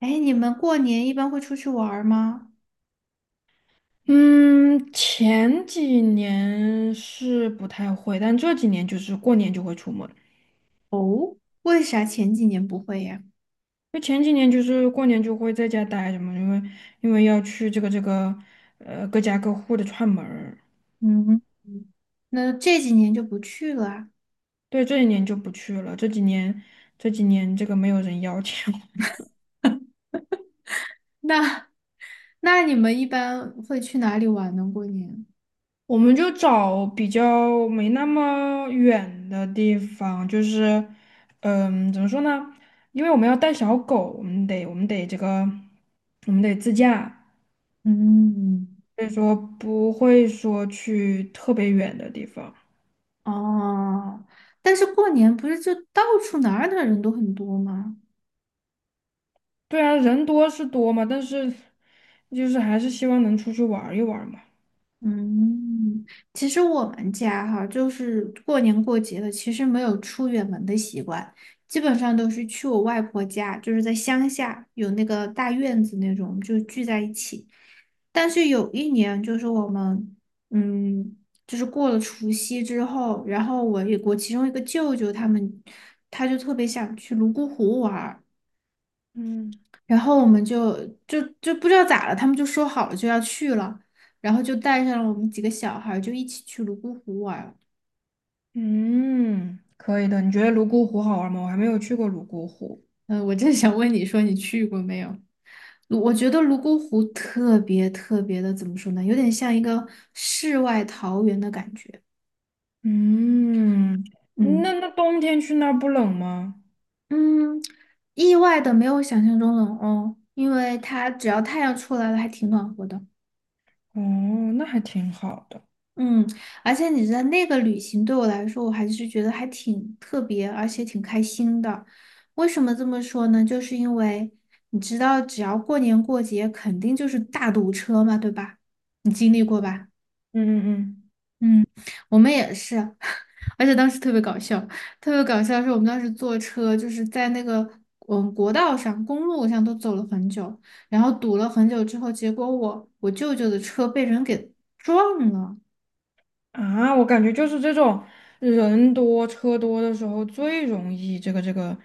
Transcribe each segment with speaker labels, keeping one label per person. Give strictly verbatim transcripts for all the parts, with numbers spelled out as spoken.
Speaker 1: 哎，你们过年一般会出去玩儿吗？
Speaker 2: 嗯，前几年是不太会，但这几年就是过年就会出门。
Speaker 1: 哦，为啥前几年不会呀？
Speaker 2: 就前几年就是过年就会在家待着嘛，因为因为要去这个这个呃各家各户的串门儿。
Speaker 1: 嗯，嗯，那这几年就不去了啊。
Speaker 2: 对，这几年就不去了，这几年这几年这个没有人邀请我，
Speaker 1: 那 那你们一般会去哪里玩呢？过年？
Speaker 2: 我们就找比较没那么远的地方，就是嗯，怎么说呢？因为我们要带小狗，我们得我们得这个我们得自驾。
Speaker 1: 嗯，
Speaker 2: 所以说不会说去特别远的地方。
Speaker 1: 哦，但是过年不是就到处哪儿的人都很多吗？
Speaker 2: 对啊，人多是多嘛，但是就是还是希望能出去玩儿一玩儿嘛。
Speaker 1: 嗯，其实我们家哈，就是过年过节的，其实没有出远门的习惯，基本上都是去我外婆家，就是在乡下有那个大院子那种，就聚在一起。但是有一年，就是我们，嗯，就是过了除夕之后，然后我有我其中一个舅舅他们，他就特别想去泸沽湖玩儿。
Speaker 2: 嗯，
Speaker 1: 然后我们就就就不知道咋了，他们就说好了就要去了，然后就带上了我们几个小孩儿就一起去泸沽湖玩儿。
Speaker 2: 嗯，可以的。你觉得泸沽湖好玩吗？我还没有去过泸沽湖。
Speaker 1: 嗯，我正 想问你说你去过没有？泸我觉得泸沽湖特别特别的，怎么说呢？有点像一个世外桃源的感觉。
Speaker 2: 嗯，那
Speaker 1: 嗯
Speaker 2: 那冬天去那儿不冷吗？
Speaker 1: 嗯，意外的没有想象中冷哦，因为它只要太阳出来了，还挺暖和的。
Speaker 2: 哦，那还挺好的。
Speaker 1: 嗯，而且你知道那个旅行对我来说，我还是觉得还挺特别，而且挺开心的。为什么这么说呢？就是因为你知道，只要过年过节，肯定就是大堵车嘛，对吧？你经历过吧？
Speaker 2: 嗯嗯嗯。
Speaker 1: 嗯，我们也是，而且当时特别搞笑，特别搞笑的是我们当时坐车，就是在那个嗯国道上、公路上都走了很久，然后堵了很久之后，结果我我舅舅的车被人给撞了。
Speaker 2: 啊，我感觉就是这种人多车多的时候最容易这个这个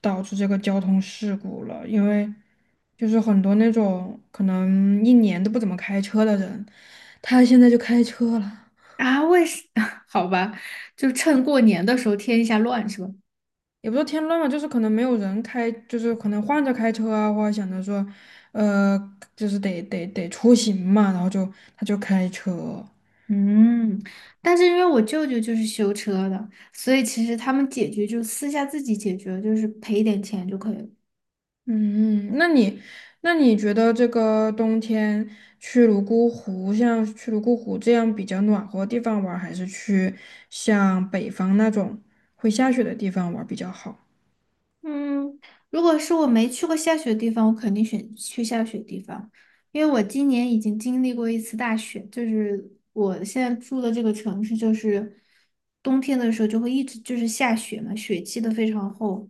Speaker 2: 导致这个交通事故了，因为就是很多那种可能一年都不怎么开车的人，他现在就开车了，
Speaker 1: 啊，为什？好吧，就趁过年的时候添一下乱是吧？
Speaker 2: 也不是添乱嘛，就是可能没有人开，就是可能换着开车啊，或者想着说，呃，就是得得得出行嘛，然后就他就开车。
Speaker 1: 嗯，但是因为我舅舅就是修车的，所以其实他们解决就私下自己解决，就是赔一点钱就可以了。
Speaker 2: 嗯，那你那你觉得这个冬天去泸沽湖，像去泸沽湖这样比较暖和的地方玩儿还是去像北方那种会下雪的地方玩儿比较好？
Speaker 1: 嗯，如果是我没去过下雪的地方，我肯定选去下雪地方，因为我今年已经经历过一次大雪，就是我现在住的这个城市，就是冬天的时候就会一直就是下雪嘛，雪积的非常厚，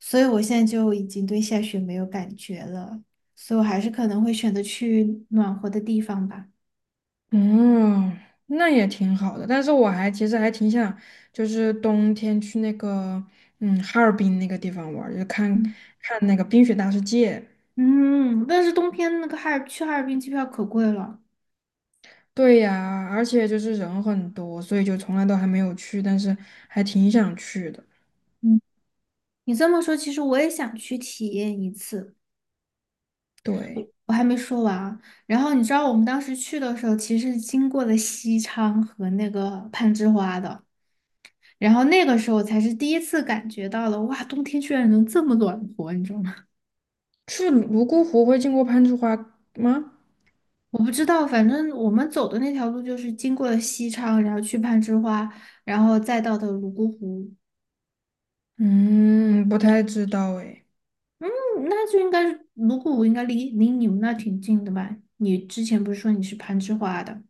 Speaker 1: 所以我现在就已经对下雪没有感觉了，所以我还是可能会选择去暖和的地方吧。
Speaker 2: 嗯，那也挺好的，但是我还其实还挺想，就是冬天去那个嗯哈尔滨那个地方玩儿，就看
Speaker 1: 嗯
Speaker 2: 看那个冰雪大世界。
Speaker 1: 嗯，但是冬天那个哈尔去哈尔滨机票可贵了。
Speaker 2: 对呀，而且就是人很多，所以就从来都还没有去，但是还挺想去的。
Speaker 1: 嗯，你这么说，其实我也想去体验一次。
Speaker 2: 对。
Speaker 1: 我还没说完啊。然后你知道我们当时去的时候，其实是经过了西昌和那个攀枝花的，然后那个时候才是第一次感觉到了，哇，冬天居然能这么暖和，你知道吗？
Speaker 2: 去泸沽湖会经过攀枝花吗？
Speaker 1: 我不知道，反正我们走的那条路就是经过了西昌，然后去攀枝花，然后再到的泸沽湖。
Speaker 2: 嗯，不太知道哎，
Speaker 1: 嗯，那就应该是泸沽湖应该离离你们那挺近的吧？你之前不是说你是攀枝花的？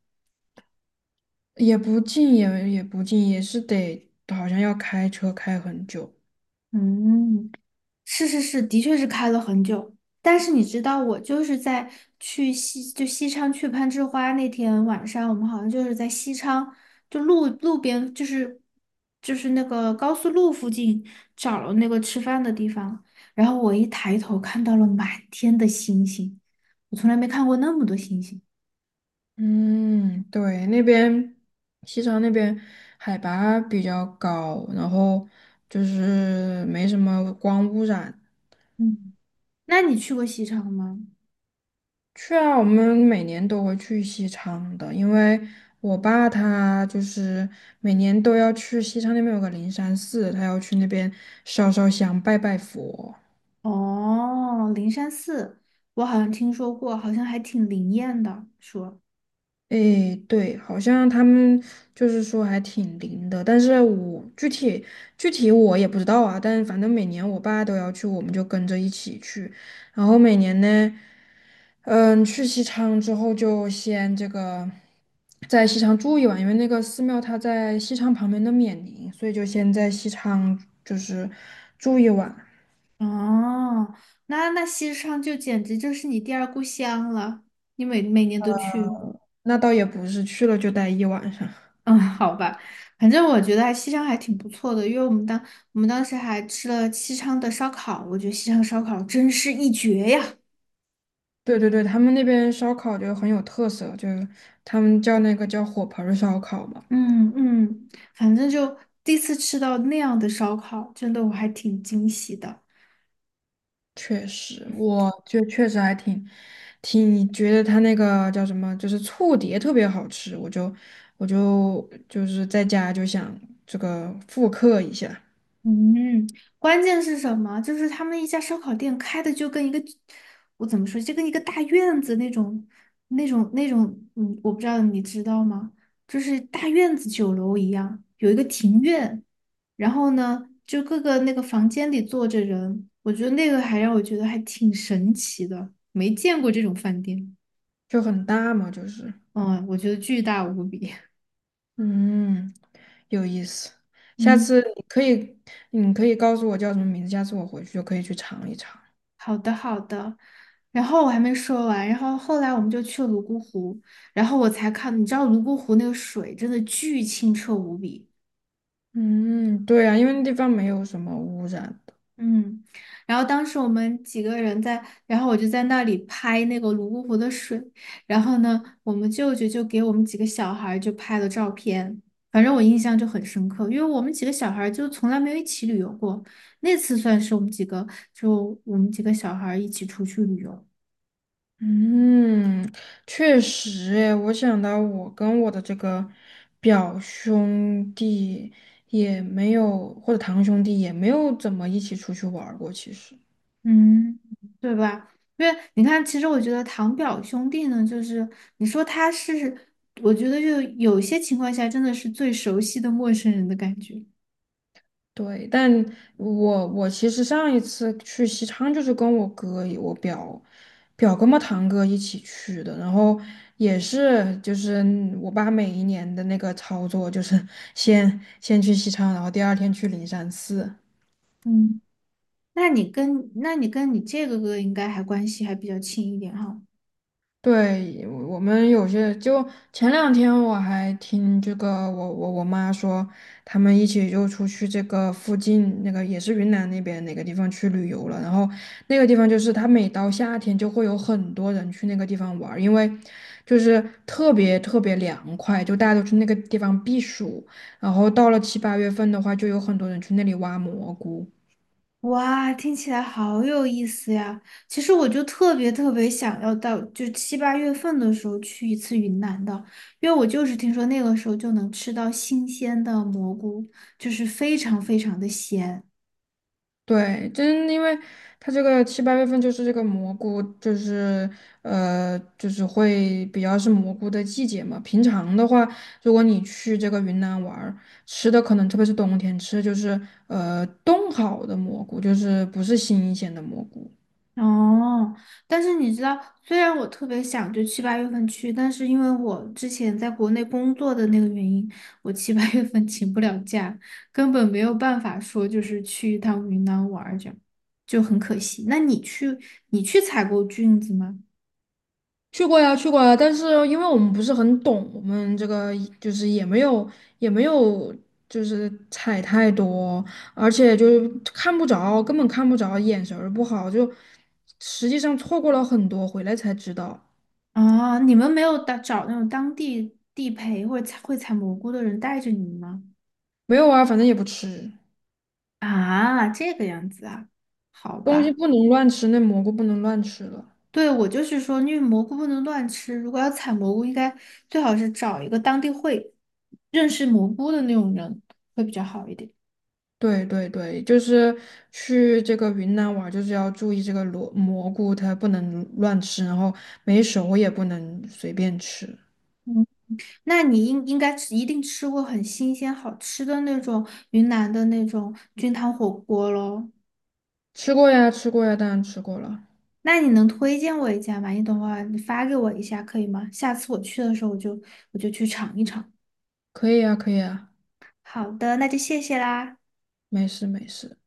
Speaker 2: 也不近，也也不近，也是得好像要开车开很久。
Speaker 1: 嗯，是是是，的确是开了很久。但是你知道，我就是在去西，就西昌去攀枝花那天晚上，我们好像就是在西昌，就路路边，就是就是那个高速路附近找了那个吃饭的地方。然后我一抬头看到了满天的星星，我从来没看过那么多星星。
Speaker 2: 嗯，对，那边西昌那边海拔比较高，然后就是没什么光污染。
Speaker 1: 嗯，那你去过西昌吗？
Speaker 2: 去啊，我们每年都会去西昌的，因为我爸他就是每年都要去西昌那边有个灵山寺，他要去那边烧烧香、拜拜佛。
Speaker 1: 哦，灵山寺，我好像听说过，好像还挺灵验的，说。
Speaker 2: 诶，对，好像他们就是说还挺灵的，但是我具体具体我也不知道啊，但反正每年我爸都要去，我们就跟着一起去，然后每年呢，嗯，去西昌之后就先这个在西昌住一晚，因为那个寺庙它在西昌旁边的冕宁，所以就先在西昌就是住一晚，
Speaker 1: 哦，那那西昌就简直就是你第二故乡了，你每每年都去。
Speaker 2: 那倒也不是去了就待一晚上。
Speaker 1: 嗯，好吧，反正我觉得还西昌还挺不错的，因为我们当我们当时还吃了西昌的烧烤，我觉得西昌烧烤真是一绝呀。
Speaker 2: 对对对，他们那边烧烤就很有特色，就是他们叫那个叫火盆儿烧烤嘛。
Speaker 1: 嗯嗯，反正就第一次吃到那样的烧烤，真的我还挺惊喜的。
Speaker 2: 确实，我就确实还挺挺觉得他那个叫什么，就是醋碟特别好吃，我就我就就是在家就想这个复刻一下，
Speaker 1: 嗯，关键是什么？就是他们一家烧烤店开的就跟一个，我怎么说，就跟一个大院子那种，那种那种，嗯，我不知道你知道吗？就是大院子酒楼一样，有一个庭院，然后呢，就各个那个房间里坐着人，我觉得那个还让我觉得还挺神奇的，没见过这种饭店，
Speaker 2: 就很大嘛，就是
Speaker 1: 嗯，我觉得巨大无比，
Speaker 2: 嗯，有意思。下
Speaker 1: 嗯。
Speaker 2: 次你可以你可以告诉我叫什么名字，下次我回去就可以去尝一尝。
Speaker 1: 好的，好的。然后我还没说完，然后后来我们就去了泸沽湖，然后我才看，你知道泸沽湖那个水真的巨清澈无比，
Speaker 2: 嗯，对啊，因为那地方没有什么污染。
Speaker 1: 嗯。然后当时我们几个人在，然后我就在那里拍那个泸沽湖的水，然后呢，我们舅舅就给我们几个小孩儿就拍了照片，反正我印象就很深刻，因为我们几个小孩儿就从来没有一起旅游过，那次算是我们几个，就我们几个小孩儿一起出去旅游。
Speaker 2: 嗯，确实诶，我想到我跟我的这个表兄弟也没有，或者堂兄弟也没有怎么一起出去玩儿过。其实，
Speaker 1: 嗯，对吧？因为你看，其实我觉得堂表兄弟呢，就是你说他是，我觉得就有些情况下真的是最熟悉的陌生人的感觉。
Speaker 2: 对，但我我其实上一次去西昌就是跟我哥、我表表哥嘛、堂哥一起去的，然后也是就是我爸每一年的那个操作，就是先先去西昌，然后第二天去灵山寺。
Speaker 1: 嗯，那你跟那你跟你这个哥应该还关系还比较亲一点哈。
Speaker 2: 对，我们有些就前两天我还听这个我我我妈说，他们一起就出去这个附近那个也是云南那边哪个地方去旅游了，然后那个地方就是它每到夏天就会有很多人去那个地方玩儿，因为就是特别特别凉快，就大家都去那个地方避暑，然后到了七八月份的话，就有很多人去那里挖蘑菇。
Speaker 1: 哇，听起来好有意思呀！其实我就特别特别想要到，就七八月份的时候去一次云南的，因为我就是听说那个时候就能吃到新鲜的蘑菇，就是非常非常的鲜。
Speaker 2: 对，真因为它这个七八月份就是这个蘑菇，就是呃，就是会比较是蘑菇的季节嘛。平常的话，如果你去这个云南玩儿，吃的可能特别是冬天吃，就是呃冻好的蘑菇，就是不是新鲜的蘑菇。
Speaker 1: 哦，但是你知道，虽然我特别想就七八月份去，但是因为我之前在国内工作的那个原因，我七八月份请不了假，根本没有办法说就是去一趟云南玩儿这样，就很可惜。那你去你去采过菌子吗？
Speaker 2: 去过呀，去过呀，但是因为我们不是很懂，我们这个就是也没有也没有就是踩太多，而且就是看不着，根本看不着，眼神儿不好，就实际上错过了很多，回来才知道。
Speaker 1: 啊，你们没有打找那种当地地陪或者采会采蘑菇的人带着你们吗？
Speaker 2: 没有啊，反正也不吃，
Speaker 1: 啊，这个样子啊，好
Speaker 2: 东西
Speaker 1: 吧。
Speaker 2: 不能乱吃，那蘑菇不能乱吃了。
Speaker 1: 对，我就是说，因为蘑菇不能乱吃，如果要采蘑菇，应该最好是找一个当地会认识蘑菇的那种人，会比较好一点。
Speaker 2: 对对对，就是去这个云南玩儿就是要注意这个蘑蘑菇，它不能乱吃，然后没熟也不能随便吃。
Speaker 1: 嗯，那你应应该吃，一定吃过很新鲜好吃的那种云南的那种菌汤火锅喽。
Speaker 2: 吃过呀，吃过呀，当然吃过了，
Speaker 1: 那你能推荐我一家吗？你等会儿你发给我一下可以吗？下次我去的时候，我就我就去尝一尝。
Speaker 2: 可以呀，可以呀，
Speaker 1: 好的，那就谢谢啦。
Speaker 2: 没事没事。